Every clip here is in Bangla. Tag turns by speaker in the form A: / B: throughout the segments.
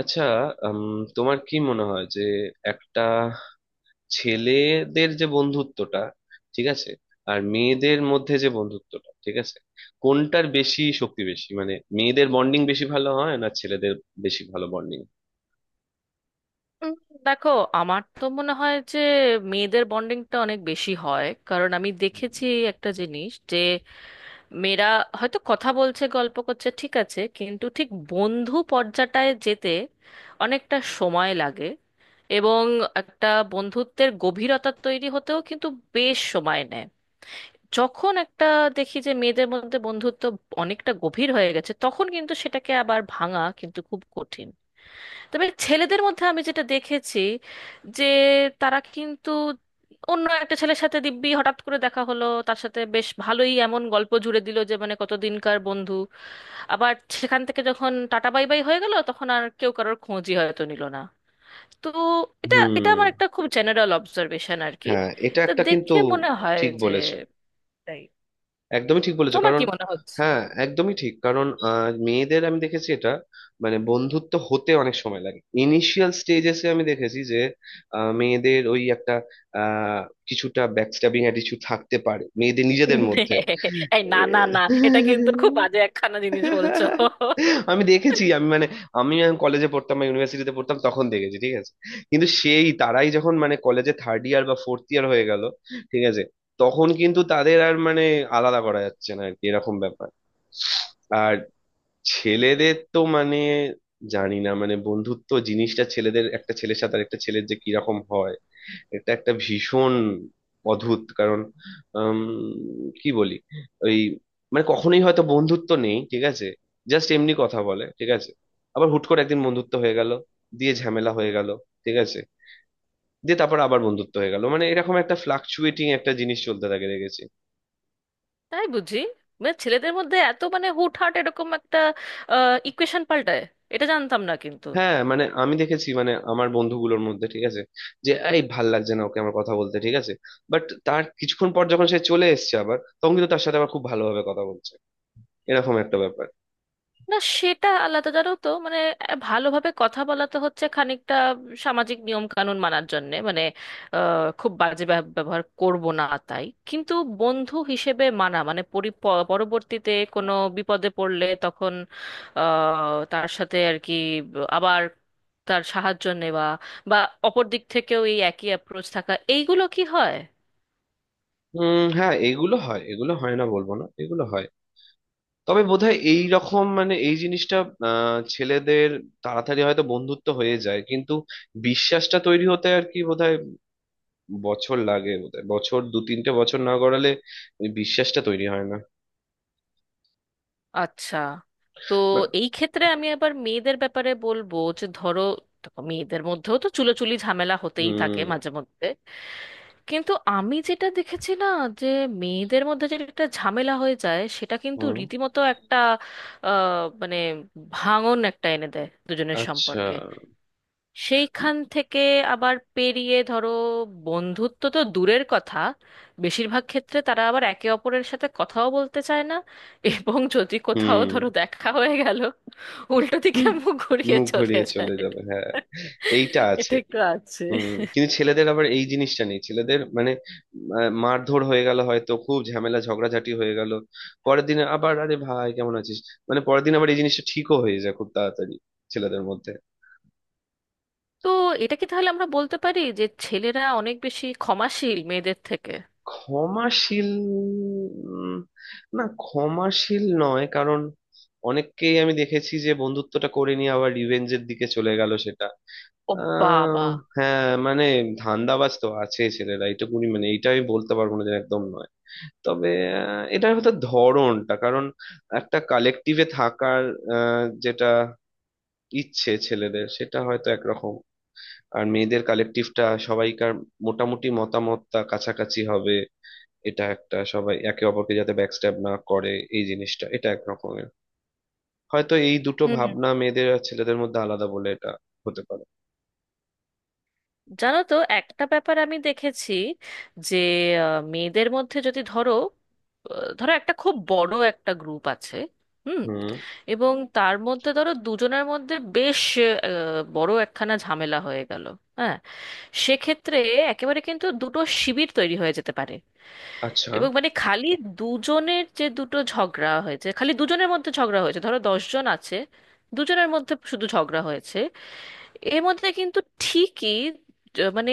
A: আচ্ছা। উম, তোমার কি মনে হয় যে একটা ছেলেদের যে বন্ধুত্বটা ঠিক আছে আর মেয়েদের মধ্যে যে বন্ধুত্বটা ঠিক আছে, কোনটার বেশি শক্তি বেশি, মানে মেয়েদের বন্ডিং বেশি ভালো হয় না ছেলেদের বেশি ভালো বন্ডিং?
B: উম, দেখো, আমার তো মনে হয় যে মেয়েদের বন্ডিংটা অনেক বেশি হয়। কারণ আমি দেখেছি একটা জিনিস, যে মেয়েরা হয়তো কথা বলছে, গল্প করছে, ঠিক আছে, কিন্তু ঠিক বন্ধু পর্যাটায় যেতে অনেকটা সময় লাগে। এবং একটা বন্ধুত্বের গভীরতা তৈরি হতেও কিন্তু বেশ সময় নেয়। যখন একটা দেখি যে মেয়েদের মধ্যে বন্ধুত্ব অনেকটা গভীর হয়ে গেছে, তখন কিন্তু সেটাকে আবার ভাঙা কিন্তু খুব কঠিন। তবে ছেলেদের মধ্যে আমি যেটা দেখেছি, যে তারা কিন্তু অন্য একটা ছেলের সাথে দিব্যি হঠাৎ করে দেখা হলো, তার সাথে বেশ ভালোই এমন গল্প জুড়ে দিল যে মানে কতদিনকার বন্ধু। আবার সেখান থেকে যখন টাটা বাই বাই হয়ে গেল, তখন আর কেউ কারোর খোঁজই হয়তো নিল না। তো এটা এটা আমার
A: হুম।
B: একটা খুব জেনারেল অবজারভেশন আর কি।
A: হ্যাঁ এটা
B: তো
A: একটা কিন্তু।
B: দেখে মনে হয়
A: ঠিক
B: যে
A: বলেছো।
B: তাই।
A: একদমই ঠিক বলেছো,
B: তোমার
A: কারণ
B: কি মনে হচ্ছে?
A: হ্যাঁ একদমই ঠিক, কারণ মেয়েদের আমি দেখেছি এটা, মানে বন্ধুত্ব হতে অনেক সময় লাগে। ইনিশিয়াল স্টেজেসে আমি দেখেছি যে মেয়েদের ওই একটা, আহ, কিছুটা ব্যাকস্ট্যাবিং অ্যাটিটিউড থাকতে পারে মেয়েদের নিজেদের মধ্যে।
B: এই, না না না, এটা কিন্তু খুব
A: এ-
B: বাজে একখানা জিনিস বলছো।
A: আমি দেখেছি, আমি মানে আমি কলেজে পড়তাম বা ইউনিভার্সিটিতে পড়তাম তখন দেখেছি, ঠিক আছে, কিন্তু সেই তারাই যখন মানে কলেজে থার্ড ইয়ার বা ফোর্থ ইয়ার হয়ে গেল, ঠিক আছে, তখন কিন্তু তাদের আর মানে আলাদা করা যাচ্ছে না আর কি, এরকম ব্যাপার। আর ছেলেদের তো মানে জানি না, মানে বন্ধুত্ব জিনিসটা ছেলেদের একটা ছেলের সাথে আর একটা ছেলের যে কিরকম হয়, এটা একটা ভীষণ অদ্ভুত, কারণ আম, কি বলি, ওই মানে কখনোই হয়তো বন্ধুত্ব নেই, ঠিক আছে, জাস্ট এমনি কথা বলে, ঠিক আছে, আবার হুট করে একদিন বন্ধুত্ব হয়ে গেল, দিয়ে ঝামেলা হয়ে গেল, ঠিক আছে, দিয়ে তারপর আবার বন্ধুত্ব হয়ে গেল, মানে এরকম একটা ফ্লাকচুয়েটিং একটা জিনিস চলতে থাকে, দেখেছি।
B: তাই বুঝি? মানে ছেলেদের মধ্যে এত মানে হুটহাট এরকম একটা ইকুয়েশন পাল্টায়, এটা জানতাম না কিন্তু।
A: হ্যাঁ মানে আমি দেখেছি, মানে আমার বন্ধুগুলোর মধ্যে, ঠিক আছে, যে এই ভাল লাগছে না ওকে আমার কথা বলতে, ঠিক আছে, বাট তার কিছুক্ষণ পর যখন সে চলে এসেছে আবার, তখন কিন্তু তার সাথে আবার খুব ভালোভাবে কথা বলছে, এরকম একটা ব্যাপার।
B: না, সেটা আলাদা জানো তো। মানে ভালোভাবে কথা বলা তো হচ্ছে খানিকটা সামাজিক নিয়ম কানুন মানার জন্যে। মানে খুব বাজে ব্যবহার করব না, তাই কিন্তু বন্ধু হিসেবে মানা মানে পরবর্তীতে কোনো বিপদে পড়লে তখন আহ, তার সাথে আর কি আবার তার সাহায্য নেওয়া, বা অপর দিক থেকেও এই একই অ্যাপ্রোচ থাকা, এইগুলো কি হয়?
A: উম, হ্যাঁ এগুলো হয়, এগুলো হয় না বলবো না, এগুলো হয়। তবে বোধহয় এই রকম মানে এই জিনিসটা, ছেলেদের তাড়াতাড়ি হয়তো বন্ধুত্ব হয়ে যায় কিন্তু বিশ্বাসটা তৈরি হতে আর কি বোধহয় বছর লাগে, বোধহয় বছর দু তিনটে বছর না গড়ালে ওই বিশ্বাসটা তৈরি হয় না।
B: আচ্ছা। তো
A: বা-
B: এই ক্ষেত্রে আমি আবার মেয়েদের ব্যাপারে বলবো যে ধরো, দেখো, মেয়েদের মধ্যেও তো চুলোচুলি ঝামেলা হতেই থাকে
A: হুম।
B: মাঝে মধ্যে। কিন্তু আমি যেটা দেখেছি না, যে মেয়েদের মধ্যে যেটা একটা ঝামেলা হয়ে যায়, সেটা কিন্তু
A: হুম।
B: রীতিমতো একটা মানে ভাঙন একটা এনে দেয় দুজনের
A: আচ্ছা।
B: সম্পর্কে। সেইখান থেকে আবার পেরিয়ে, ধরো, বন্ধুত্ব তো দূরের কথা, বেশিরভাগ ক্ষেত্রে তারা আবার একে অপরের সাথে কথাও বলতে চায় না। এবং যদি কোথাও
A: হুম।
B: ধরো দেখা হয়ে গেল, উল্টো দিকে মুখ ঘুরিয়ে
A: মুখ
B: চলে
A: ঘুরিয়ে
B: যায়।
A: চলে যাবে, হ্যাঁ। এইটা আছে।
B: এটা একটু আছে।
A: হুম। কিন্তু ছেলেদের আবার এই জিনিসটা নেই, ছেলেদের মানে মারধর হয়ে গেল হয়তো, খুব ঝামেলা ঝগড়াঝাটি হয়ে গেল, পরের দিন আবার আরে ভাই কেমন আছিস, মানে পরের দিন আবার এই জিনিসটা ঠিকও হয়ে যায় খুব তাড়াতাড়ি ছেলেদের মধ্যে।
B: তো এটা কি তাহলে আমরা বলতে পারি যে ছেলেরা অনেক বেশি ক্ষমাশীল মেয়েদের থেকে?
A: ক্ষমাশীল? উম, না, ক্ষমাশীল নয় কারণ অনেককেই আমি দেখেছি যে বন্ধুত্বটা করে নিয়ে আবার রিভেঞ্জের দিকে চলে গেল সেটা।
B: ও
A: আহ
B: বাবা।
A: হ্যাঁ মানে ধান্দাবাজ তো আছে ছেলেরা এইটুকুনি, মানে এইটা আমি বলতে পারবো না যে একদম নয়। তবে এটার হয়তো ধরনটা, কারণ একটা কালেকটিভে থাকার যেটা ইচ্ছে ছেলেদের সেটা হয়তো একরকম, আর মেয়েদের কালেকটিভটা সবাইকার মোটামুটি মতামতটা কাছাকাছি হবে, এটা একটা সবাই একে অপরকে যাতে ব্যাকস্ট্যাব না করে এই জিনিসটা, এটা একরকমের, হয়তো এই দুটো
B: হুম,
A: ভাবনা মেয়েদের আর ছেলেদের মধ্যে আলাদা বলে এটা হতে পারে।
B: জানো তো একটা ব্যাপার আমি দেখেছি, যে মেয়েদের মধ্যে যদি ধরো, ধরো একটা খুব বড় একটা গ্রুপ আছে, হুম,
A: হুম।
B: এবং তার মধ্যে ধরো দুজনের মধ্যে বেশ বড় একখানা ঝামেলা হয়ে গেল, হ্যাঁ, সেক্ষেত্রে একেবারে কিন্তু দুটো শিবির তৈরি হয়ে যেতে পারে।
A: আচ্ছা।
B: এবং মানে খালি দুজনের যে দুটো ঝগড়া হয়েছে, খালি দুজনের মধ্যে ঝগড়া হয়েছে, ধরো দশজন আছে, দুজনের মধ্যে শুধু ঝগড়া হয়েছে, এর মধ্যে কিন্তু ঠিকই মানে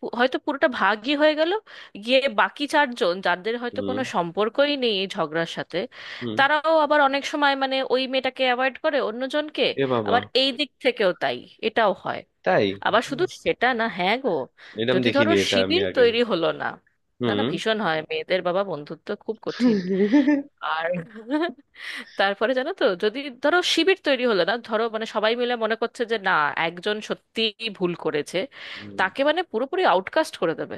B: হয়তো পুরোটা ভাগই হয়ে গেল, গিয়ে বাকি চারজন যাদের হয়তো
A: হুম।
B: কোনো সম্পর্কই নেই এই ঝগড়ার সাথে,
A: হুম।
B: তারাও আবার অনেক সময় মানে ওই মেয়েটাকে অ্যাভয়েড করে অন্যজনকে।
A: এ বাবা।
B: আবার এই দিক থেকেও তাই, এটাও হয়।
A: তাই।
B: আবার
A: হুম,
B: শুধু সেটা না, হ্যাঁ গো,
A: এরম
B: যদি ধরো
A: দেখিনি এটা আমি
B: শিবির
A: আগে।
B: তৈরি হলো না। না না,
A: হুম।
B: ভীষণ হয় মেয়েদের, বাবা, বন্ধুত্ব খুব কঠিন। আর তারপরে জানো তো, যদি ধরো শিবির তৈরি হলো না, ধরো মানে সবাই মিলে মনে করছে যে না, একজন সত্যিই ভুল করেছে,
A: হুম।
B: তাকে মানে পুরোপুরি আউটকাস্ট করে দেবে,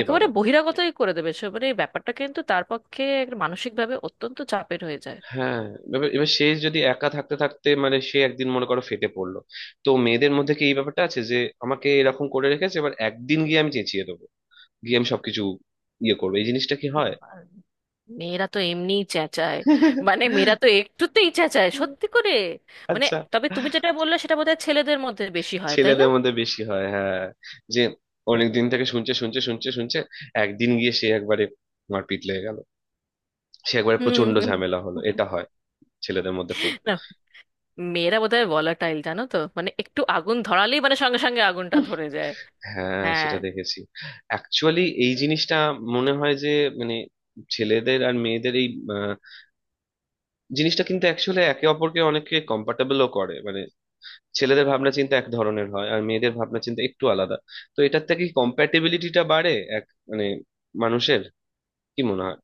A: এ বাবা।
B: বহিরাগতই করে দেবে, সে মানে এই ব্যাপারটা কিন্তু তার পক্ষে একটা মানসিকভাবে অত্যন্ত চাপের হয়ে যায়।
A: হ্যাঁ। এবার এবার সে যদি একা থাকতে থাকতে, মানে সে একদিন মনে করো ফেটে পড়লো, তো মেয়েদের মধ্যে কি এই ব্যাপারটা আছে যে আমাকে এরকম করে রেখেছে, এবার একদিন গিয়ে আমি চেঁচিয়ে দেবো গিয়ে আমি সবকিছু ইয়ে করবো, এই জিনিসটা কি হয়?
B: আর মেয়েরা তো এমনিই চেঁচায়। মানে মেয়েরা তো একটুতেই চেঁচায় সত্যি করে। মানে
A: আচ্ছা।
B: তবে তুমি যেটা বললে সেটা বোধহয় ছেলেদের মধ্যে বেশি হয়, তাই না?
A: ছেলেদের মধ্যে বেশি হয় হ্যাঁ, যে অনেক দিন থেকে শুনছে শুনছে শুনছে শুনছে, একদিন গিয়ে সে একবারে মারপিট লেগে গেল, সে একবারে
B: হুম
A: প্রচন্ড
B: হুম।
A: ঝামেলা হলো, এটা হয় ছেলেদের মধ্যে খুব।
B: মেয়েরা বোধহয় ভোলাটাইল জানো তো, মানে একটু আগুন ধরালেই মানে সঙ্গে সঙ্গে আগুনটা ধরে যায়।
A: হ্যাঁ
B: হ্যাঁ।
A: সেটা দেখেছি। অ্যাকচুয়ালি এই জিনিসটা মনে হয় যে মানে ছেলেদের আর মেয়েদের এই আহ, জিনিসটা কিন্তু অ্যাকচুয়ালি একে অপরকে অনেকে কম্পার্টেবলও করে, মানে ছেলেদের ভাবনা চিন্তা এক ধরনের হয় আর মেয়েদের ভাবনা চিন্তা একটু আলাদা, তো এটার থেকে কম্প্যাটেবিলিটিটা বাড়ে এক, মানে মানুষের কি মনে হয়?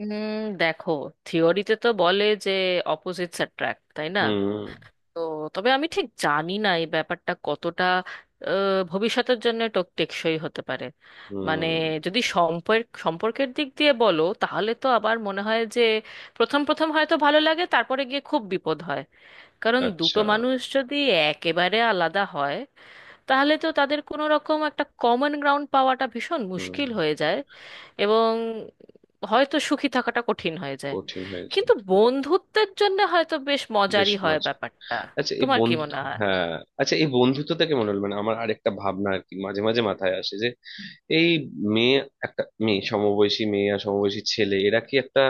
B: দেখো, থিওরিতে তো বলে যে অপোজিটস অ্যাট্রাক্ট, তাই না?
A: হুম।
B: তো তবে আমি ঠিক জানি না এই ব্যাপারটা কতটা ভবিষ্যতের জন্য টেকসই হতে পারে। মানে
A: হুম।
B: যদি সম্পর্কের দিক দিয়ে বলো, তাহলে তো আবার মনে হয় যে প্রথম প্রথম হয়তো ভালো লাগে, তারপরে গিয়ে খুব বিপদ হয়। কারণ দুটো
A: আচ্ছা।
B: মানুষ যদি একেবারে আলাদা হয়, তাহলে তো তাদের কোনো রকম একটা কমন গ্রাউন্ড পাওয়াটা ভীষণ
A: হুম।
B: মুশকিল হয়ে যায়। এবং হয়তো সুখী থাকাটা কঠিন হয়ে যায়।
A: কঠিন হয়েছে।
B: কিন্তু বন্ধুত্বের জন্য হয়তো বেশ
A: বেশ
B: মজারই হয়
A: মজা।
B: ব্যাপারটা।
A: আচ্ছা এই
B: তোমার কি
A: বন্ধু,
B: মনে হয়?
A: হ্যাঁ। আচ্ছা এই বন্ধুত্ব থেকে মনে হলো মানে আমার আরেকটা ভাবনা আর কি মাঝে মাঝে মাথায় আসে যে এই মেয়ে, একটা মেয়ে, সমবয়সী মেয়ে আর সমবয়সী ছেলে এরা কি একটা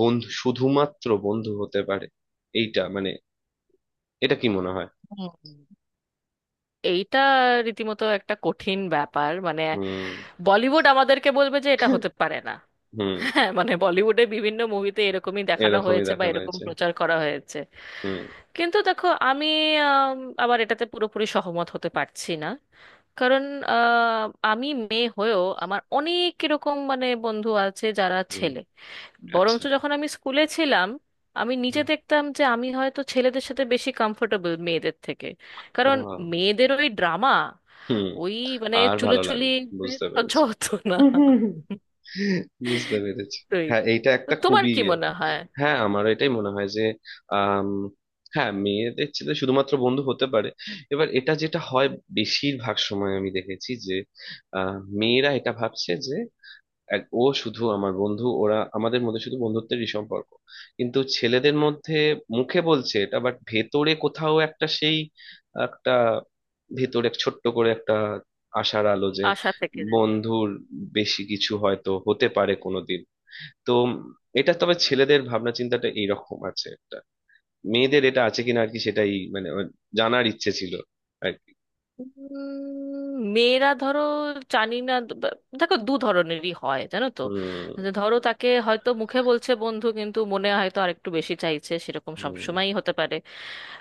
A: বন্ধু, শুধুমাত্র বন্ধু হতে পারে? এইটা মানে এটা কি মনে হয়?
B: হুম। এইটা রীতিমতো একটা কঠিন ব্যাপার। মানে
A: হুম।
B: বলিউড আমাদেরকে বলবে যে এটা হতে পারে না।
A: হুম।
B: হ্যাঁ, মানে বলিউডে বিভিন্ন মুভিতে এরকমই দেখানো
A: এরকমই
B: হয়েছে বা
A: দেখানো
B: এরকম
A: হয়েছে।
B: প্রচার করা হয়েছে।
A: হুম।
B: কিন্তু দেখো, আমি আম, আবার এটাতে পুরোপুরি সহমত হতে পারছি না। কারণ আহ, আমি মেয়ে হয়েও আমার অনেক এরকম মানে বন্ধু আছে যারা
A: হুম।
B: ছেলে।
A: আচ্ছা।
B: বরঞ্চ যখন আমি স্কুলে ছিলাম, আমি নিজে
A: হুম।
B: দেখতাম যে আমি হয়তো ছেলেদের সাথে বেশি কমফোর্টেবল মেয়েদের থেকে। কারণ
A: আহ,
B: মেয়েদের ওই ড্রামা,
A: হুম,
B: ওই মানে
A: আর ভালো
B: চুলোচুলি
A: লাগে। বুঝতে
B: সহ্য
A: পেরেছি।
B: হতো না।
A: বুঝতে পেরেছি।
B: তুই।
A: হ্যাঁ এইটা
B: তো
A: একটা
B: তোমার
A: খুবই
B: কি
A: ইয়ে।
B: মনে হয়?
A: হ্যাঁ আমার এটাই মনে হয় যে আম, হ্যাঁ মেয়েদের ছেলে শুধুমাত্র বন্ধু হতে পারে। এবার এটা যেটা হয় বেশিরভাগ সময় আমি দেখেছি যে আহ, মেয়েরা এটা ভাবছে যে ও শুধু আমার বন্ধু, ওরা আমাদের মধ্যে শুধু বন্ধুত্বেরই সম্পর্ক, কিন্তু ছেলেদের মধ্যে মুখে বলছে এটা বাট ভেতরে কোথাও একটা সেই একটা ভেতরে ছোট্ট করে একটা আশার আলো যে
B: আশা থেকে।
A: বন্ধুর বেশি কিছু হয়তো হতে পারে কোনোদিন। তো এটা, তবে ছেলেদের ভাবনা চিন্তাটা এইরকম আছে একটা, মেয়েদের এটা আছে কিনা আর কি সেটাই মানে আমার জানার ইচ্ছে ছিল আর কি।
B: মেয়েরা ধরো, জানি না, দেখো দু ধরনেরই হয় জানো তো।
A: হুম।
B: যে ধরো তাকে হয়তো মুখে বলছে বন্ধু কিন্তু মনে হয়তো আরেকটু বেশি চাইছে, সেরকম
A: হুম।
B: সবসময়ই হতে পারে।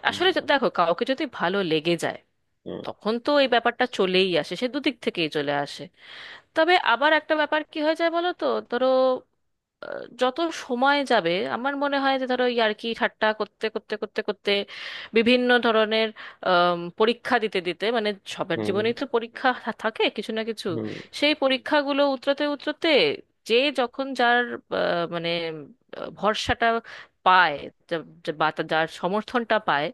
A: হুম।
B: আসলে দেখো কাউকে যদি ভালো লেগে যায়,
A: হুম।
B: তখন তো এই ব্যাপারটা চলেই আসে, সে দুদিক থেকেই চলে আসে। তবে আবার একটা ব্যাপার কি হয়ে যায় বলো তো। ধরো যত সময় যাবে আমার মনে হয় যে ধরো ইয়ার্কি ঠাট্টা করতে করতে করতে করতে, বিভিন্ন ধরনের পরীক্ষা দিতে দিতে, মানে সবার
A: হুম।
B: জীবনেই তো পরীক্ষা থাকে কিছু না কিছু,
A: হুম।
B: সেই পরীক্ষাগুলো উতরাতে উতরাতে, যে যখন যার মানে ভরসাটা পায়, যা- যা- বা তা- যার সমর্থনটা পায়,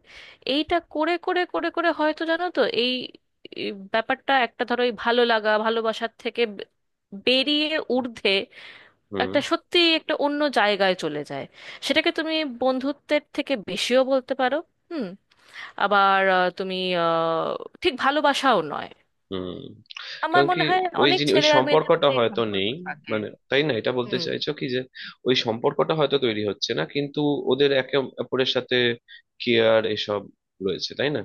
B: এইটা করে করে করে করে, হয়তো জানো তো, এই এই ব্যাপারটা একটা, ধরো এই ভালো লাগা ভালোবাসার থেকে বেরিয়ে ঊর্ধ্বে
A: হুম।
B: একটা সত্যি একটা অন্য জায়গায় চলে যায়। সেটাকে তুমি বন্ধুত্বের থেকে বেশিও বলতে পারো। হুম। আবার তুমি আহ, ঠিক ভালোবাসাও নয়।
A: হুম।
B: আমার
A: কারণ কি?
B: মনে হয়
A: ওই
B: অনেক
A: জিনিস ওই
B: ছেলে আর মেয়েদের
A: সম্পর্কটা
B: মধ্যে এই
A: হয়তো
B: সম্পর্ক
A: নেই,
B: থাকে।
A: মানে তাই না, এটা বলতে
B: হুম
A: চাইছো কি যে ওই সম্পর্কটা হয়তো তৈরি হচ্ছে না কিন্তু ওদের একে অপরের সাথে কেয়ার এসব রয়েছে, তাই না?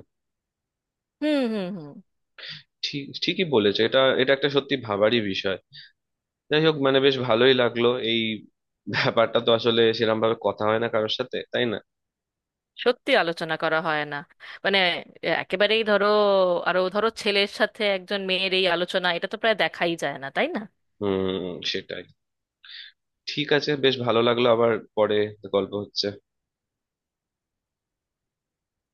B: হুম হুম। হুম,
A: ঠিক ঠিকই বলেছো এটা। এটা একটা সত্যি ভাবারই বিষয়। যাই হোক মানে বেশ ভালোই লাগলো, এই ব্যাপারটা তো আসলে সেরকম ভাবে কথা হয় না কারোর সাথে, তাই না?
B: সত্যি আলোচনা করা হয় না। মানে একেবারেই ধরো, আরো ধরো ছেলের সাথে একজন মেয়ের এই আলোচনা, এটা তো প্রায় দেখাই যায় না তাই না।
A: হুম। সেটাই। ঠিক আছে, বেশ ভালো লাগলো, আবার পরে গল্প হচ্ছে।